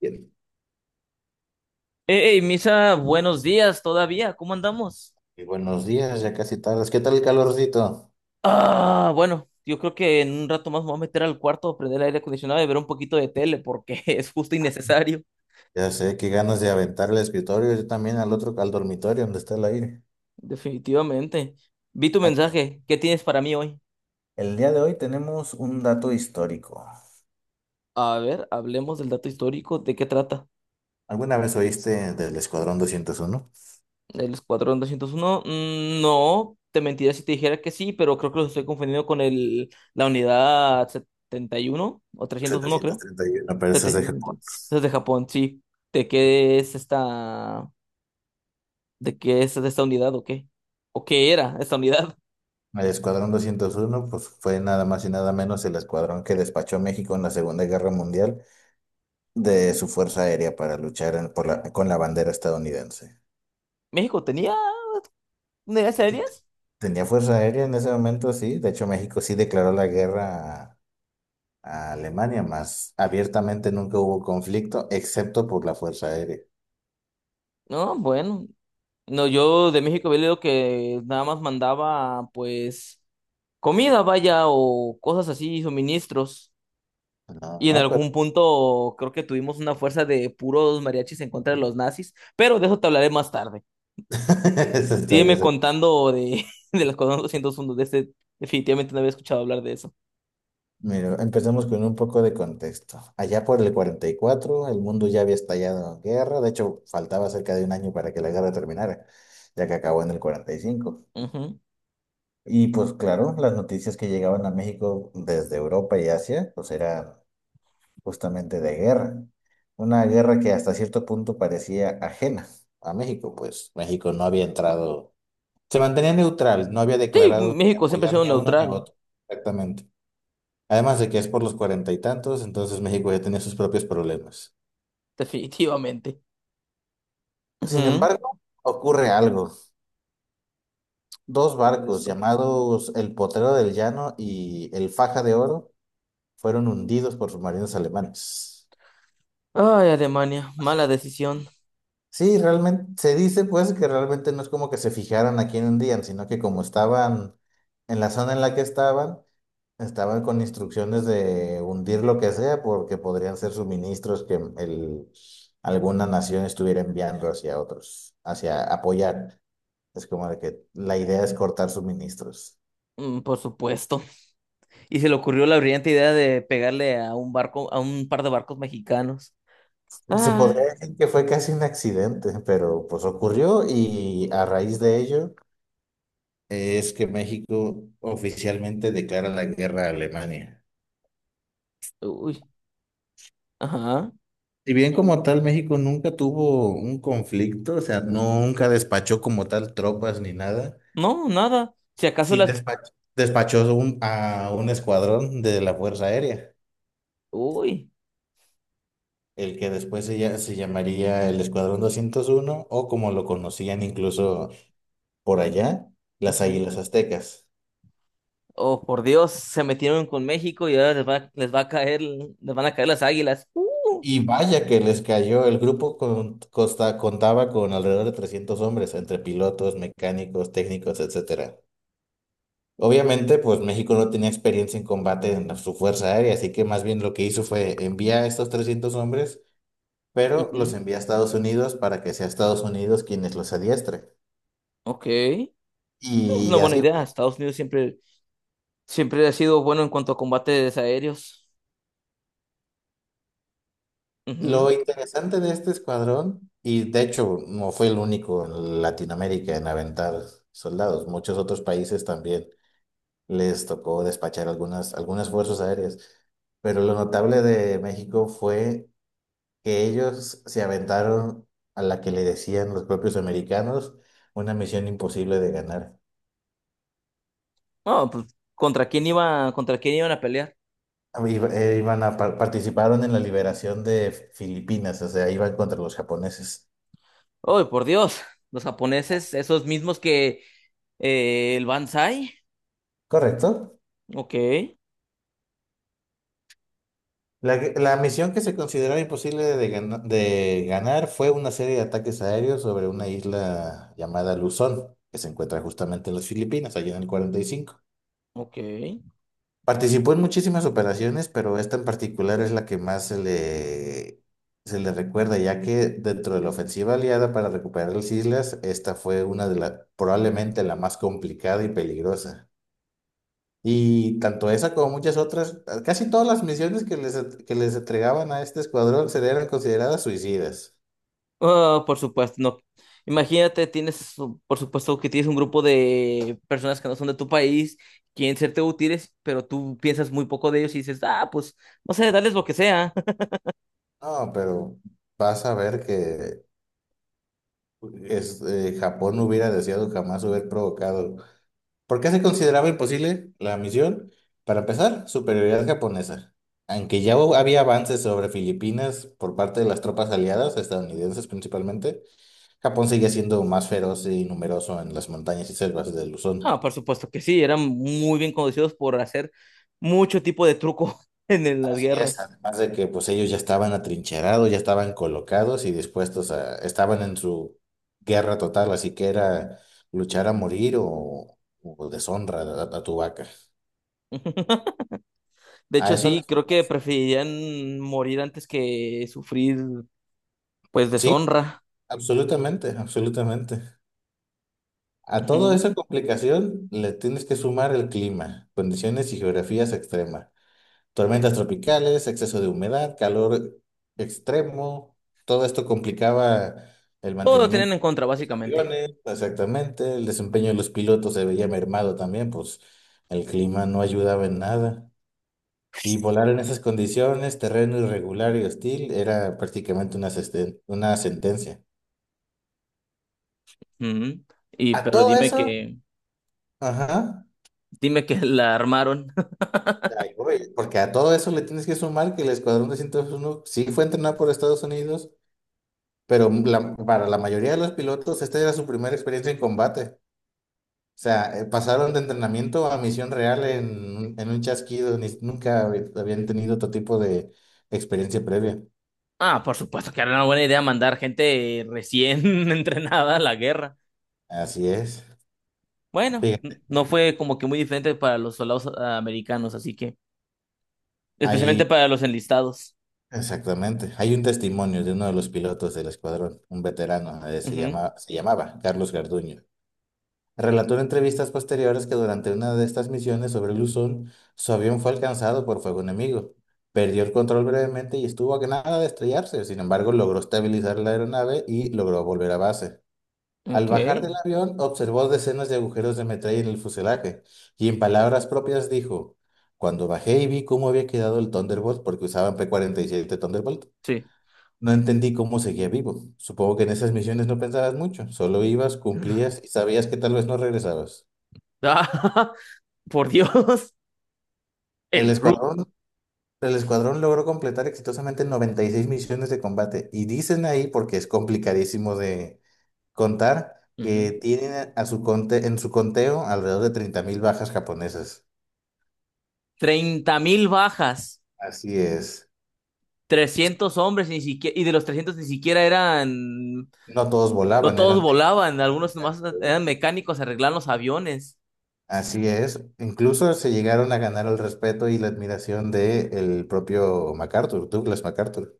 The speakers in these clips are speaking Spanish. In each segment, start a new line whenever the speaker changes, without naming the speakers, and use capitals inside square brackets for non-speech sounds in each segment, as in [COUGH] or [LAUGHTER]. Bien.
Hey, Misa, buenos días todavía, ¿cómo andamos?
Y buenos días, ya casi tardes. ¿Qué tal el calorcito?
Ah, bueno, yo creo que en un rato más me voy a meter al cuarto, prender el aire acondicionado y ver un poquito de tele porque [LAUGHS] es justo y necesario.
Ya sé, qué ganas de aventar el escritorio, yo también al otro, al dormitorio donde está el aire.
Definitivamente. Vi tu
Aquí.
mensaje, ¿qué tienes para mí hoy?
El día de hoy tenemos un dato histórico.
A ver, hablemos del dato histórico, ¿de qué trata?
¿Alguna vez oíste del Escuadrón doscientos uno
¿El Escuadrón 201? Mm, no, te mentiría si te dijera que sí, pero creo que los estoy confundiendo con la unidad 71 o 301,
setecientos
creo.
treinta y uno Pero eso es
Estrategia
de
de sentido.
Japón.
Eso es de Japón, sí. ¿De qué es esta? ¿De qué es esta unidad o qué? ¿O qué era esta unidad?
El Escuadrón 201 pues fue nada más y nada menos el escuadrón que despachó a México en la Segunda Guerra Mundial de su Fuerza Aérea para luchar en- por la- con la bandera estadounidense.
[LAUGHS] ¿México tenía unidades
Sí,
aéreas?
tenía fuerza aérea en ese momento, sí. De hecho, México sí declaró la guerra a Alemania, más abiertamente nunca hubo conflicto, excepto por la fuerza aérea.
No, bueno. No, yo de México había leído que nada más mandaba, pues, comida, vaya, o cosas así, suministros.
No,
Y en
no, pero
algún punto creo que tuvimos una fuerza de puros mariachis en contra de los nazis, pero de eso te hablaré más tarde.
[LAUGHS] eso está bien,
Sígueme
eso-
contando de, [LAUGHS] de las cosas 201 de este, definitivamente no había escuchado hablar de eso.
Mira, empecemos con un poco de contexto. Allá por el 44, el mundo ya había estallado en guerra. De hecho, faltaba cerca de un año para que la guerra terminara, ya que acabó en el 45.
Ujú.
Y cinco. Y pues claro, las noticias que llegaban a México desde Europa y Asia, pues eran justamente de guerra. Una guerra que hasta cierto punto parecía ajena a México, pues México no había entrado, se mantenía neutral, no había
Sí,
declarado ni
México siempre ha
apoyar
sido
ni a uno ni a
neutral.
otro, exactamente. Además de que es por los cuarenta y tantos, entonces México ya tenía sus propios problemas.
[LAUGHS] Definitivamente.
Sin
Ujú.
embargo, ocurre algo. Dos
Por
barcos
supuesto.
llamados el Potrero del Llano y el Faja de Oro fueron hundidos por submarinos alemanes.
Ay, Alemania, mala decisión.
Sí, realmente se dice pues que realmente no es como que se fijaran aquí en un día, sino que como estaban en la zona en la que estaban, estaban con instrucciones de hundir lo que sea porque podrían ser suministros que alguna nación estuviera enviando hacia otros, hacia apoyar. Es como de que la idea es cortar suministros.
Mm, por supuesto. Y se le ocurrió la brillante idea de pegarle a un barco, a un par de barcos mexicanos.
Se
Ah,
podría decir que fue casi un accidente, pero pues ocurrió y a raíz de ello es que México oficialmente declara la guerra a Alemania.
uy, ajá.
Si bien como tal México nunca tuvo un conflicto, o sea, nunca despachó como tal tropas ni nada,
No, nada. Si acaso
sí
las...
despachó a un escuadrón de la Fuerza Aérea,
Uy.
el que después se llamaría el Escuadrón doscientos uno o como lo conocían incluso por allá, las
Ujú.
Águilas Aztecas.
Oh, por Dios, se metieron con México y ahora les va a caer, les van a caer las águilas.
Y vaya que les cayó. El grupo contaba con alrededor de 300 hombres, entre pilotos, mecánicos, técnicos, etcétera. Obviamente, pues México no tenía experiencia en combate en su fuerza aérea, así que más bien lo que hizo fue enviar a estos 300 hombres, pero los
Ujú.
envía a Estados Unidos para que sea Estados Unidos quienes los adiestre.
Ok. Es una
Y
buena
así
idea.
fue.
Estados Unidos siempre, siempre ha sido bueno en cuanto a combates aéreos. Ujú.
Lo interesante de este escuadrón, y de hecho no fue el único en Latinoamérica en aventar soldados, muchos otros países también les tocó despachar algunas fuerzas aéreas. Pero lo notable de México fue que ellos se aventaron a la que le decían los propios americanos una misión imposible de ganar.
No, pues, ¿contra quién iban a pelear?
Participaron en la liberación de Filipinas, o sea, iban contra los japoneses.
¡Oh, por Dios! Los japoneses, esos mismos que el Banzai.
¿Correcto?
Ok,
La misión que se consideraba imposible de ganar fue una serie de ataques aéreos sobre una isla llamada Luzón, que se encuentra justamente en las Filipinas, allá en el cuarenta y cinco.
ok.
Participó en muchísimas operaciones, pero esta en particular es la que más se le recuerda, ya que dentro de la ofensiva aliada para recuperar las islas, esta fue una de las, probablemente la más complicada y peligrosa. Y tanto esa como muchas otras, casi todas las misiones que les entregaban a este escuadrón se eran consideradas suicidas.
Ah, por supuesto, no. Imagínate, tienes, por supuesto que tienes un grupo de personas que no son de tu país, quieren serte útiles, pero tú piensas muy poco de ellos y dices, ah, pues, no sé, dales lo que sea.
No, pero vas a ver que Japón no hubiera deseado jamás haber provocado. ¿Por qué se consideraba imposible la misión? Para empezar, superioridad japonesa. Aunque ya había avances sobre Filipinas por parte de las tropas aliadas, estadounidenses principalmente, Japón seguía siendo más feroz y numeroso en las montañas y selvas de Luzón.
Ah, por supuesto que sí, eran muy bien conocidos por hacer mucho tipo de truco [LAUGHS] en las
Así es,
guerras.
además de que pues ellos ya estaban atrincherados, ya estaban colocados y dispuestos a, estaban en su guerra total, así que era luchar a morir o deshonra a, tu vaca.
[LAUGHS] De
A
hecho,
eso le-
sí, creo que preferirían morir antes que sufrir, pues,
sí,
deshonra.
absolutamente, absolutamente. A toda
Ujú.
esa complicación le tienes que sumar el clima, condiciones y geografías extremas. Tormentas tropicales, exceso de humedad, calor extremo, todo esto complicaba el
Todo lo tenían
mantenimiento
en
de los
contra,
propios
básicamente.
aviones, exactamente, el desempeño de los pilotos se veía mermado también, pues el clima no ayudaba en nada. Y volar en esas condiciones, terreno irregular y hostil, era prácticamente una, una sentencia.
Ujú. Y,
A
pero
todo eso, ajá,
dime que la armaron. [LAUGHS]
ahí voy, porque a todo eso le tienes que sumar que el Escuadrón de 101 sí fue entrenado por Estados Unidos. Pero la- para la mayoría de los pilotos, esta era su primera experiencia en combate. O sea, pasaron de entrenamiento a misión real en, en un chasquido. Ni- nunca hab- Habían tenido otro tipo de experiencia previa.
Ah, por supuesto que era una buena idea mandar gente recién [LAUGHS] entrenada a la guerra.
Así es.
Bueno,
Fíjate,
no fue como que muy diferente para los soldados americanos, así que, especialmente
ahí,
para los enlistados.
exactamente. Hay un testimonio de uno de los pilotos del escuadrón, un veterano, se
Ujú.
llama, se llamaba Carlos Garduño. Relató en entrevistas posteriores que durante una de estas misiones sobre Luzón, su avión fue alcanzado por fuego enemigo. Perdió el control brevemente y estuvo a nada de estrellarse. Sin embargo, logró estabilizar la aeronave y logró volver a base. Al
Ok,
bajar del avión, observó decenas de agujeros de metralla en el fuselaje y en palabras propias dijo, cuando bajé y vi cómo había quedado el Thunderbolt, porque usaban P-47 Thunderbolt,
sí.
no entendí cómo seguía vivo. Supongo que en esas misiones no pensabas mucho, solo ibas, cumplías y sabías que tal vez no regresabas.
Ah, [LAUGHS] por Dios,
El
el rudo.
escuadrón, el escuadrón logró completar exitosamente 96 misiones de combate y dicen ahí, porque es complicadísimo de contar, que
Ujú.
tienen a su en su conteo alrededor de 30,000 bajas japonesas.
30 mil bajas,
Así es.
300 hombres, ni siquiera, y de los trescientos ni siquiera eran,
No todos
no
volaban,
todos
eran técnicos,
volaban,
eran
algunos nomás
mecánicos.
eran mecánicos, arreglaban los aviones.
Así es. Incluso se llegaron a ganar el respeto y la admiración del propio MacArthur, Douglas MacArthur.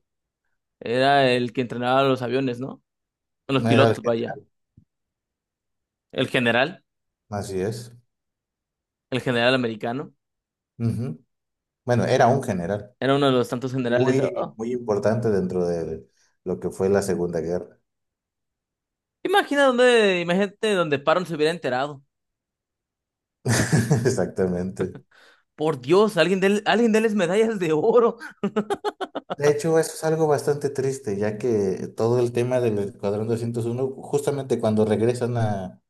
Era el que entrenaba los aviones, ¿no? Los
No era el
pilotos, vaya.
general.
El general,
Así es.
el general americano.
Ujú. Bueno, era un general.
Era uno de los tantos generales.
Muy,
Oh,
muy importante dentro de lo que fue la Segunda Guerra.
imagina dónde, imagínate donde Paron se hubiera enterado.
[LAUGHS] Exactamente.
Por Dios, alguien de, alguien déles medallas de oro.
De hecho, eso es algo bastante triste, ya que todo el tema del Escuadrón doscientos uno justamente cuando regresan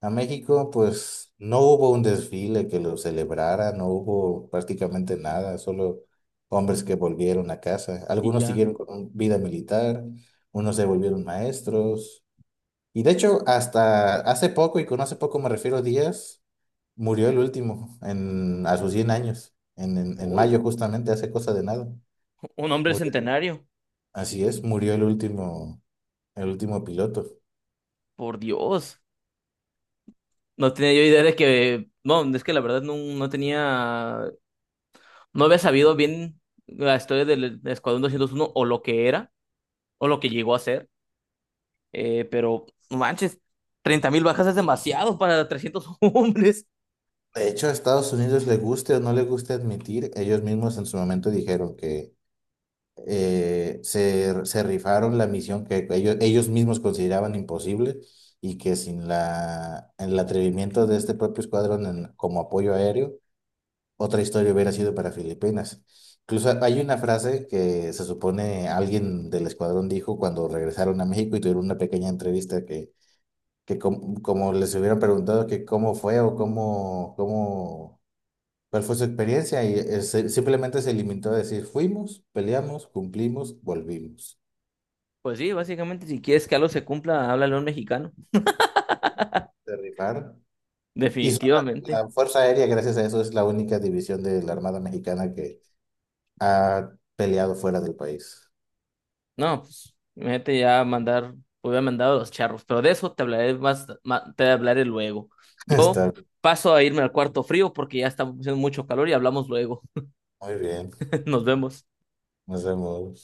a México, pues no hubo un desfile que lo celebrara, no hubo prácticamente nada, solo hombres que volvieron a casa.
Y
Algunos
ya.
siguieron con un- vida militar, unos se volvieron maestros. Y de hecho, hasta hace poco, y con hace poco me refiero a días, murió el último en, a sus 100 años, en, en
Uy.
mayo justamente, hace cosa de nada.
Un hombre
Murió-
centenario,
Así es, murió el último piloto.
por Dios. No tenía yo idea de que, no, es que la verdad no tenía, no había sabido bien la historia del Escuadrón 201 o lo que era, o lo que llegó a ser, pero no manches, 30,000 bajas es demasiado para 300 [LAUGHS] hombres.
De hecho, a Estados Unidos le guste o no le guste admitir, ellos mismos en su momento dijeron que se, se rifaron la misión que ellos mismos consideraban imposible y que sin el atrevimiento de este propio escuadrón como apoyo aéreo otra historia hubiera sido para Filipinas. Incluso hay una frase que se supone alguien del escuadrón dijo cuando regresaron a México y tuvieron una pequeña entrevista que como les hubieran preguntado que cómo fue o cuál fue su experiencia simplemente se limitó a decir fuimos, peleamos, cumplimos, volvimos.
Pues sí, básicamente si quieres que algo se cumpla, háblale a un mexicano,
Se rifaron. Y son la,
definitivamente.
la Fuerza Aérea, gracias a eso, es la única división de la Armada Mexicana que ha peleado fuera del país.
No, pues, imagínate ya mandar, pues, hubiera mandado a los charros, pero de eso te hablaré te hablaré luego.
[LAUGHS]
Yo
Está
paso a irme al cuarto frío porque ya está haciendo mucho calor y hablamos luego.
muy bien.
[LAUGHS] Nos vemos.
Nos vemos.